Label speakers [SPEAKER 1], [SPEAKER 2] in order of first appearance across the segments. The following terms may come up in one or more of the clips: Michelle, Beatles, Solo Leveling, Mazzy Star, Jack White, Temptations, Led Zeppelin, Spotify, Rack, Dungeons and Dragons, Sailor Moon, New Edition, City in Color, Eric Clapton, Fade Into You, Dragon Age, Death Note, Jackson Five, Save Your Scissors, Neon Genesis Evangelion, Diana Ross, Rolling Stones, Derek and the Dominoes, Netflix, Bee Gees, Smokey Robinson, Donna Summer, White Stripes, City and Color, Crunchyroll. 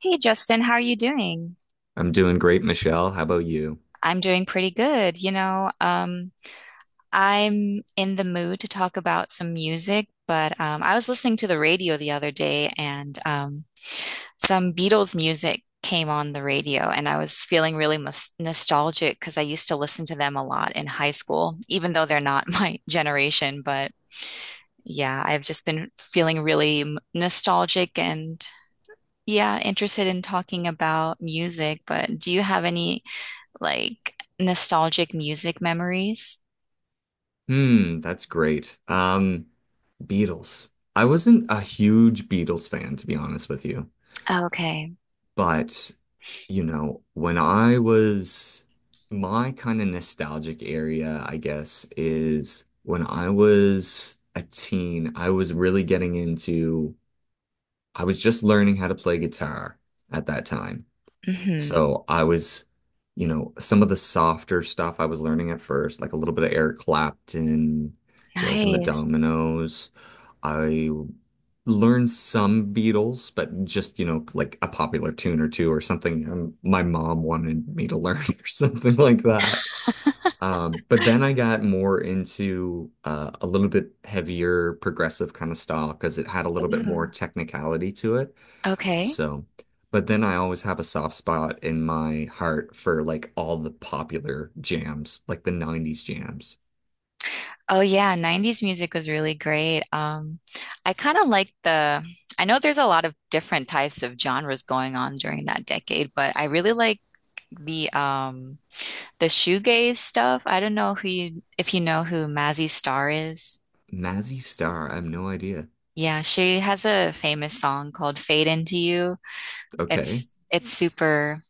[SPEAKER 1] Hey Justin, how are you doing?
[SPEAKER 2] I'm doing great, Michelle. How about you?
[SPEAKER 1] I'm doing pretty good. I'm in the mood to talk about some music, but I was listening to the radio the other day, and some Beatles music came on the radio, and I was feeling really mus nostalgic because I used to listen to them a lot in high school, even though they're not my generation. But yeah, I've just been feeling really nostalgic and, yeah, interested in talking about music. But do you have any like nostalgic music memories?
[SPEAKER 2] Hmm, that's great. Beatles. I wasn't a huge Beatles fan, to be honest with you.
[SPEAKER 1] Okay.
[SPEAKER 2] But, you know, when I was my kind of nostalgic area, I guess, is when I was a teen, I was really getting I was just learning how to play guitar at that time.
[SPEAKER 1] Hmm.
[SPEAKER 2] So I was, you know, some of the softer stuff I was learning at first, like a little bit of Eric Clapton, Derek and the
[SPEAKER 1] Nice.
[SPEAKER 2] Dominoes. I learned some Beatles, but just, you know, like a popular tune or two or something my mom wanted me to learn or something like that. But then I got more into a little bit heavier progressive kind of style because it had a little bit more
[SPEAKER 1] Ooh.
[SPEAKER 2] technicality to it.
[SPEAKER 1] Okay.
[SPEAKER 2] So, but then I always have a soft spot in my heart for like all the popular jams, like the 90s jams.
[SPEAKER 1] Oh yeah, 90s music was really great. I kind of like the I know there's a lot of different types of genres going on during that decade, but I really like the um the shoegaze stuff. I don't know who you if you know who Mazzy Star is.
[SPEAKER 2] Mazzy Star, I have no idea.
[SPEAKER 1] Yeah, she has a famous song called Fade Into You.
[SPEAKER 2] Okay.
[SPEAKER 1] It's super,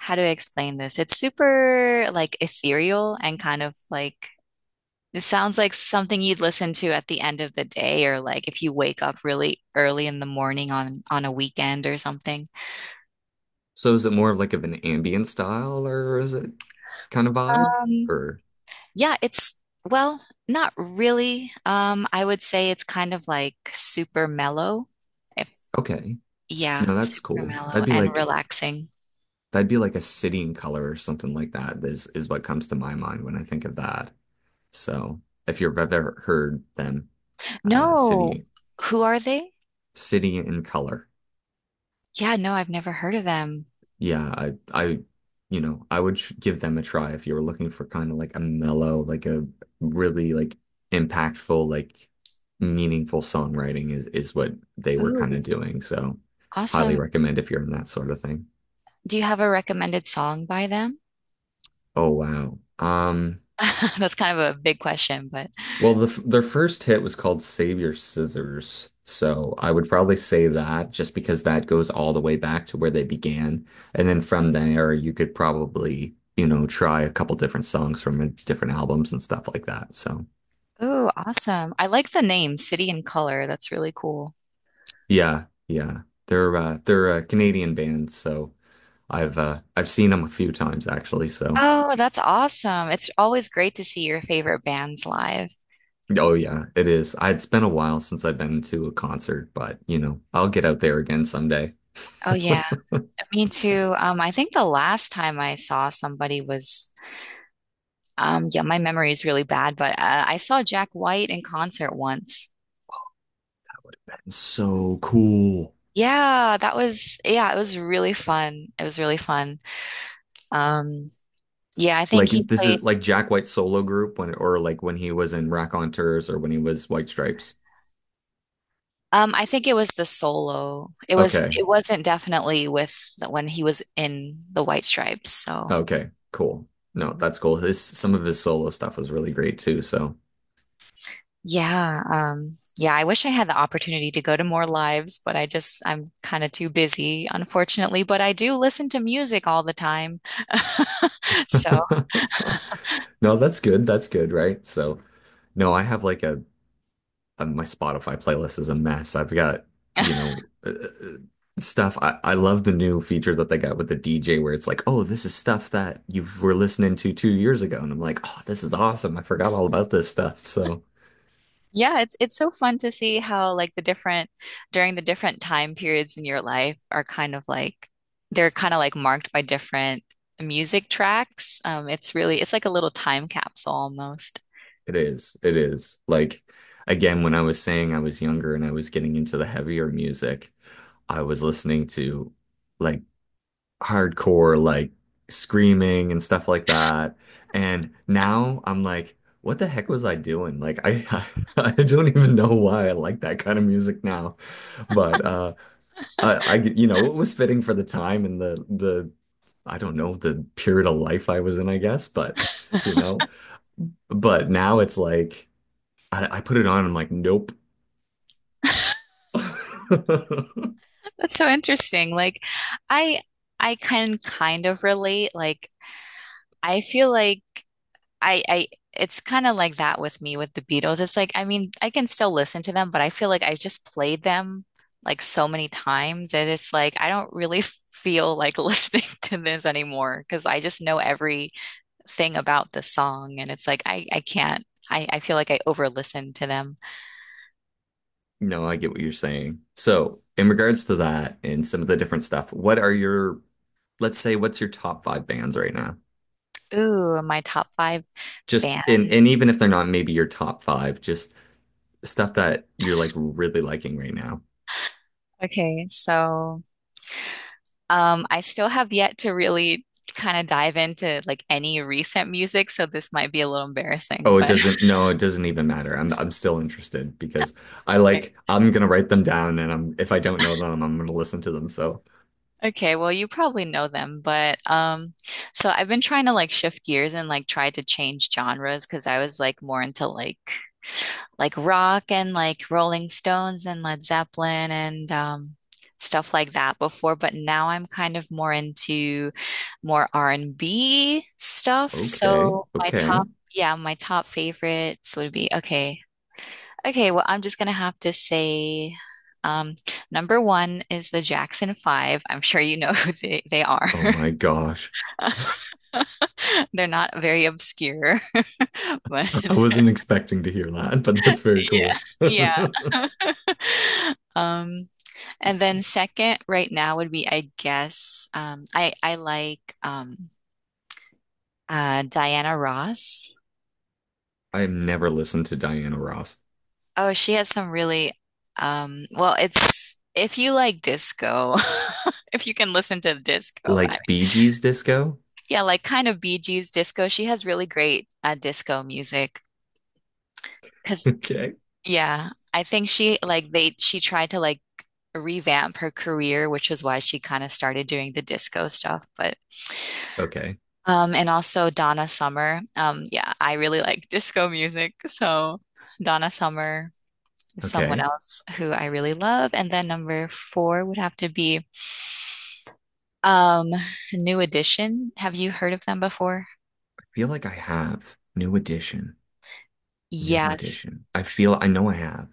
[SPEAKER 1] how do I explain this? It's super like ethereal, and kind of like it sounds like something you'd listen to at the end of the day, or like if you wake up really early in the morning on a weekend or something.
[SPEAKER 2] So is it more of like of an ambient style or is it kind of vibe?
[SPEAKER 1] Um,
[SPEAKER 2] Or
[SPEAKER 1] yeah, well, not really. I would say it's kind of like super mellow. If
[SPEAKER 2] okay.
[SPEAKER 1] yeah,
[SPEAKER 2] No, that's
[SPEAKER 1] super
[SPEAKER 2] cool.
[SPEAKER 1] mellow
[SPEAKER 2] That'd be
[SPEAKER 1] and
[SPEAKER 2] like
[SPEAKER 1] relaxing.
[SPEAKER 2] that'd be like a city in color or something like that is what comes to my mind when I think of that. So if you've ever heard them, uh
[SPEAKER 1] No,
[SPEAKER 2] City
[SPEAKER 1] who are they?
[SPEAKER 2] City in Color.
[SPEAKER 1] Yeah, no, I've never heard of them.
[SPEAKER 2] Yeah, I you know, I would sh give them a try if you were looking for kind of like a mellow, like a really like impactful, like meaningful songwriting is what they were kind
[SPEAKER 1] Ooh,
[SPEAKER 2] of doing. So highly
[SPEAKER 1] awesome.
[SPEAKER 2] recommend if you're in that sort of thing.
[SPEAKER 1] Do you have a recommended song by them?
[SPEAKER 2] Oh wow.
[SPEAKER 1] That's kind of a big question, but
[SPEAKER 2] Well, their first hit was called Save Your Scissors. So I would probably say that just because that goes all the way back to where they began. And then from there, you could probably, you know, try a couple different songs from different albums and stuff like that. So
[SPEAKER 1] oh, awesome. I like the name City and Color. That's really cool.
[SPEAKER 2] yeah, yeah. They're a Canadian band, so I've seen them a few times actually. So
[SPEAKER 1] Oh, that's awesome. It's always great to see your favorite bands live.
[SPEAKER 2] oh yeah, it is. It's been a while since I've been to a concert, but you know, I'll get out there again someday.
[SPEAKER 1] Oh yeah, me too. I think the last time I saw somebody was, yeah, my memory is really bad, but I saw Jack White in concert once.
[SPEAKER 2] So cool.
[SPEAKER 1] Yeah, that was, yeah, it was really fun. It was really fun. Um, yeah, I think
[SPEAKER 2] Like
[SPEAKER 1] he
[SPEAKER 2] this
[SPEAKER 1] played.
[SPEAKER 2] is like Jack White's solo group when or like when he was in Rack or when he was White Stripes.
[SPEAKER 1] I think it was the solo. It was
[SPEAKER 2] Okay.
[SPEAKER 1] it wasn't definitely with when he was in the White Stripes. So
[SPEAKER 2] Okay. Cool. No, that's cool. His some of his solo stuff was really great too, so
[SPEAKER 1] yeah, yeah. I wish I had the opportunity to go to more lives, but I'm kind of too busy, unfortunately. But I do listen to music all the time, so.
[SPEAKER 2] No, that's good. That's good, right? So no, I have like a my Spotify playlist is a mess. I've got, you know, stuff. I love the new feature that they got with the DJ where it's like, oh, this is stuff that you were listening to 2 years ago. And I'm like, oh, this is awesome. I forgot all about this stuff. So
[SPEAKER 1] Yeah, it's so fun to see how like the different during the different time periods in your life are kind of like they're kind of like marked by different music tracks. It's really it's like a little time capsule almost.
[SPEAKER 2] it is. It is. Like, again, when I was saying I was younger and I was getting into the heavier music, I was listening to like hardcore, like screaming and stuff like that. And now I'm like, what the heck was I doing? Like, I don't even know why I like that kind of music now. But I you know, it was fitting for the time and the I don't know, the period of life I was in, I guess, but you know, but now it's like I put it on. I'm like, nope.
[SPEAKER 1] That's so interesting. I I can kind of relate. Like I feel like I it's kind of like that with me with the Beatles. It's like, I mean, I can still listen to them, but I feel like I've just played them like so many times that it's like I don't really feel like listening to this anymore, because I just know everything about the song, and it's like I can't. I feel like I over listen to them.
[SPEAKER 2] No, I get what you're saying. So, in regards to that and some of the different stuff, what are your, let's say, what's your top five bands right now?
[SPEAKER 1] Ooh, my top five
[SPEAKER 2] Just and
[SPEAKER 1] band.
[SPEAKER 2] and even if they're not maybe your top five, just stuff that you're like really liking right now.
[SPEAKER 1] Okay, so I still have yet to really kind of dive into like any recent music, so this might be a little embarrassing,
[SPEAKER 2] Oh, it
[SPEAKER 1] but
[SPEAKER 2] doesn't, no, it doesn't even matter. I'm still interested because I like I'm gonna write them down and I'm if I don't know them, I'm gonna listen to them. So,
[SPEAKER 1] okay, well, you probably know them, but so I've been trying to like shift gears and like try to change genres, because I was like more into like rock and like Rolling Stones and Led Zeppelin and stuff like that before, but now I'm kind of more into more R&B stuff.
[SPEAKER 2] okay,
[SPEAKER 1] So my
[SPEAKER 2] okay.
[SPEAKER 1] top, yeah, my top favorites would be okay. Okay, well, I'm just gonna have to say, um, number one is the Jackson Five. I'm sure you know they are.
[SPEAKER 2] Oh my gosh.
[SPEAKER 1] They're not very obscure, but
[SPEAKER 2] I wasn't expecting to hear that, but that's very cool.
[SPEAKER 1] yeah.
[SPEAKER 2] I
[SPEAKER 1] Um, and then second, right now would be, I guess, I like Diana Ross.
[SPEAKER 2] have never listened to Diana Ross.
[SPEAKER 1] Oh, she has some really, it's if you like disco, if you can listen to disco,
[SPEAKER 2] Like Bee Gees disco?
[SPEAKER 1] yeah, like kind of Bee Gees disco. She has really great disco music. Cause
[SPEAKER 2] Okay.
[SPEAKER 1] yeah, I think she tried to like revamp her career, which is why she kind of started doing the disco stuff. But
[SPEAKER 2] Okay.
[SPEAKER 1] and also Donna Summer. Yeah, I really like disco music. So Donna Summer is someone
[SPEAKER 2] Okay.
[SPEAKER 1] else who I really love. And then number four would have to be um New Edition. Have you heard of them before?
[SPEAKER 2] I feel like I have. New edition. New
[SPEAKER 1] Yes.
[SPEAKER 2] edition. I feel I know I have.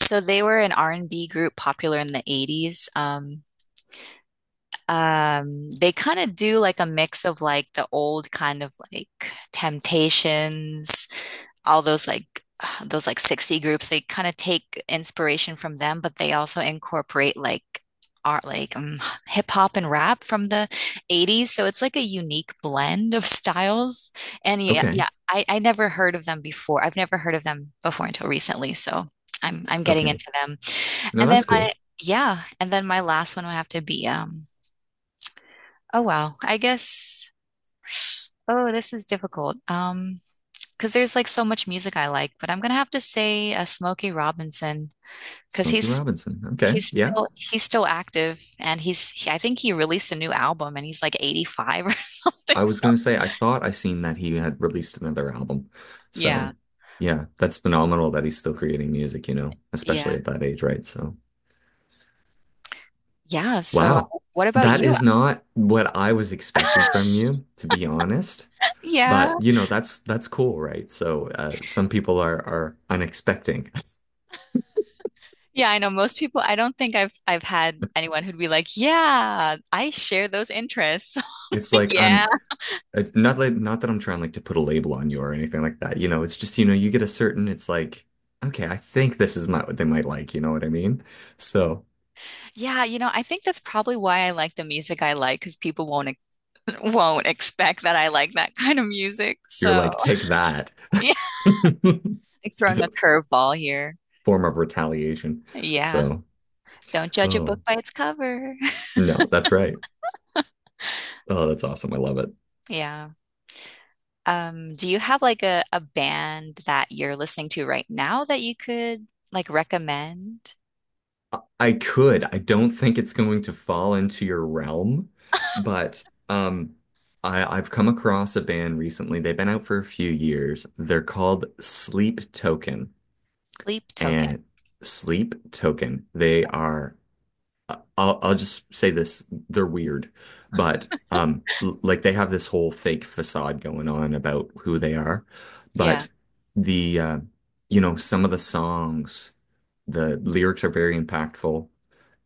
[SPEAKER 1] So they were an R&B group popular in the 80s. They kind of do like a mix of like the old kind of like Temptations, all those like those like 60 groups. They kind of take inspiration from them, but they also incorporate like art, like um, hip hop and rap from the 80s. So it's like a unique blend of styles. And yeah,
[SPEAKER 2] Okay.
[SPEAKER 1] yeah, I never heard of them before. I've never heard of them before until recently. So I'm getting
[SPEAKER 2] Okay.
[SPEAKER 1] into them.
[SPEAKER 2] No,
[SPEAKER 1] And then
[SPEAKER 2] that's
[SPEAKER 1] my,
[SPEAKER 2] cool.
[SPEAKER 1] yeah, and then my last one would have to be oh wow. I guess oh this is difficult. Because there's like so much music I like, but I'm gonna have to say Smokey Robinson, because
[SPEAKER 2] Smokey Robinson. Okay. Yeah.
[SPEAKER 1] he's still active, and I think he released a new album and he's like 85 or something.
[SPEAKER 2] I was
[SPEAKER 1] So
[SPEAKER 2] gonna say I thought I seen that he had released another album.
[SPEAKER 1] yeah,
[SPEAKER 2] So yeah, that's phenomenal that he's still creating music, you know, especially
[SPEAKER 1] yeah.
[SPEAKER 2] at that age, right? So
[SPEAKER 1] Yeah, so
[SPEAKER 2] wow.
[SPEAKER 1] what about
[SPEAKER 2] That
[SPEAKER 1] you?
[SPEAKER 2] is not what I was expecting from you, to be honest.
[SPEAKER 1] Yeah.
[SPEAKER 2] But you know, that's cool, right? So some people are unexpecting.
[SPEAKER 1] Yeah, I know most people, I don't think I've had anyone who'd be like, "Yeah, I share those interests."
[SPEAKER 2] It's
[SPEAKER 1] Like,
[SPEAKER 2] like
[SPEAKER 1] yeah.
[SPEAKER 2] I'm it's not like not that I'm trying like to put a label on you or anything like that. You know, it's just, you know, you get a certain, it's like, okay, I think this is not what they might like, you know what I mean? So
[SPEAKER 1] Yeah, you know, I think that's probably why I like the music I like, because people won't won't expect that I like that kind of music.
[SPEAKER 2] you're
[SPEAKER 1] So,
[SPEAKER 2] like, take that
[SPEAKER 1] yeah, like throwing a curveball here.
[SPEAKER 2] form of retaliation.
[SPEAKER 1] Yeah,
[SPEAKER 2] So,
[SPEAKER 1] don't judge a book
[SPEAKER 2] oh
[SPEAKER 1] by its cover.
[SPEAKER 2] no, that's right. Oh, that's awesome. I love it.
[SPEAKER 1] Yeah. Do you have like a band that you're listening to right now that you could like recommend?
[SPEAKER 2] I could. I don't think it's going to fall into your realm, but um, I've come across a band recently. They've been out for a few years. They're called Sleep Token
[SPEAKER 1] Sleep Token.
[SPEAKER 2] and Sleep Token. They are. I- will I'll just say this. They're weird, but like they have this whole fake facade going on about who they are,
[SPEAKER 1] Yeah.
[SPEAKER 2] but the you know
[SPEAKER 1] Ooh.
[SPEAKER 2] some of the songs, the lyrics are very impactful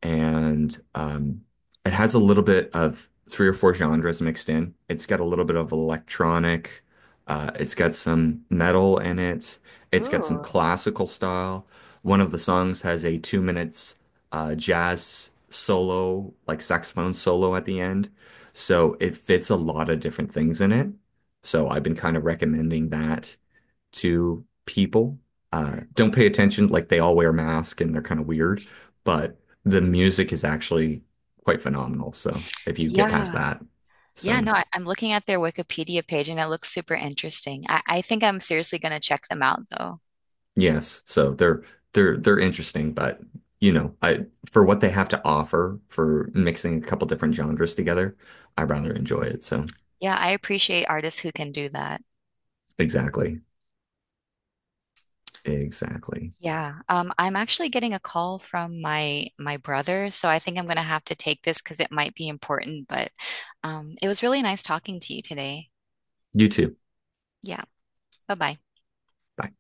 [SPEAKER 2] and it has a little bit of three or four genres mixed in. It's got a little bit of electronic, it's got some metal in it, it's got some
[SPEAKER 1] Ooh.
[SPEAKER 2] classical style. One of the songs has a 2 minutes jazz solo, like saxophone solo at the end. So it fits a lot of different things in it. So I've been kind of recommending that to people. Don't pay attention, like they all wear masks and they're kind of weird, but the music is actually quite phenomenal. So if you get past
[SPEAKER 1] Yeah.
[SPEAKER 2] that,
[SPEAKER 1] Yeah,
[SPEAKER 2] so
[SPEAKER 1] no, I'm looking at their Wikipedia page and it looks super interesting. I think I'm seriously going to check them out though.
[SPEAKER 2] yes, so they're they're interesting, but you know, I for what they have to offer for mixing a couple different genres together, I rather enjoy it. So
[SPEAKER 1] Yeah, I appreciate artists who can do that.
[SPEAKER 2] exactly, exactly.
[SPEAKER 1] Yeah. I'm actually getting a call from my brother, so I think I'm gonna have to take this because it might be important, but it was really nice talking to you today.
[SPEAKER 2] You too.
[SPEAKER 1] Yeah. Bye-bye.
[SPEAKER 2] Bye.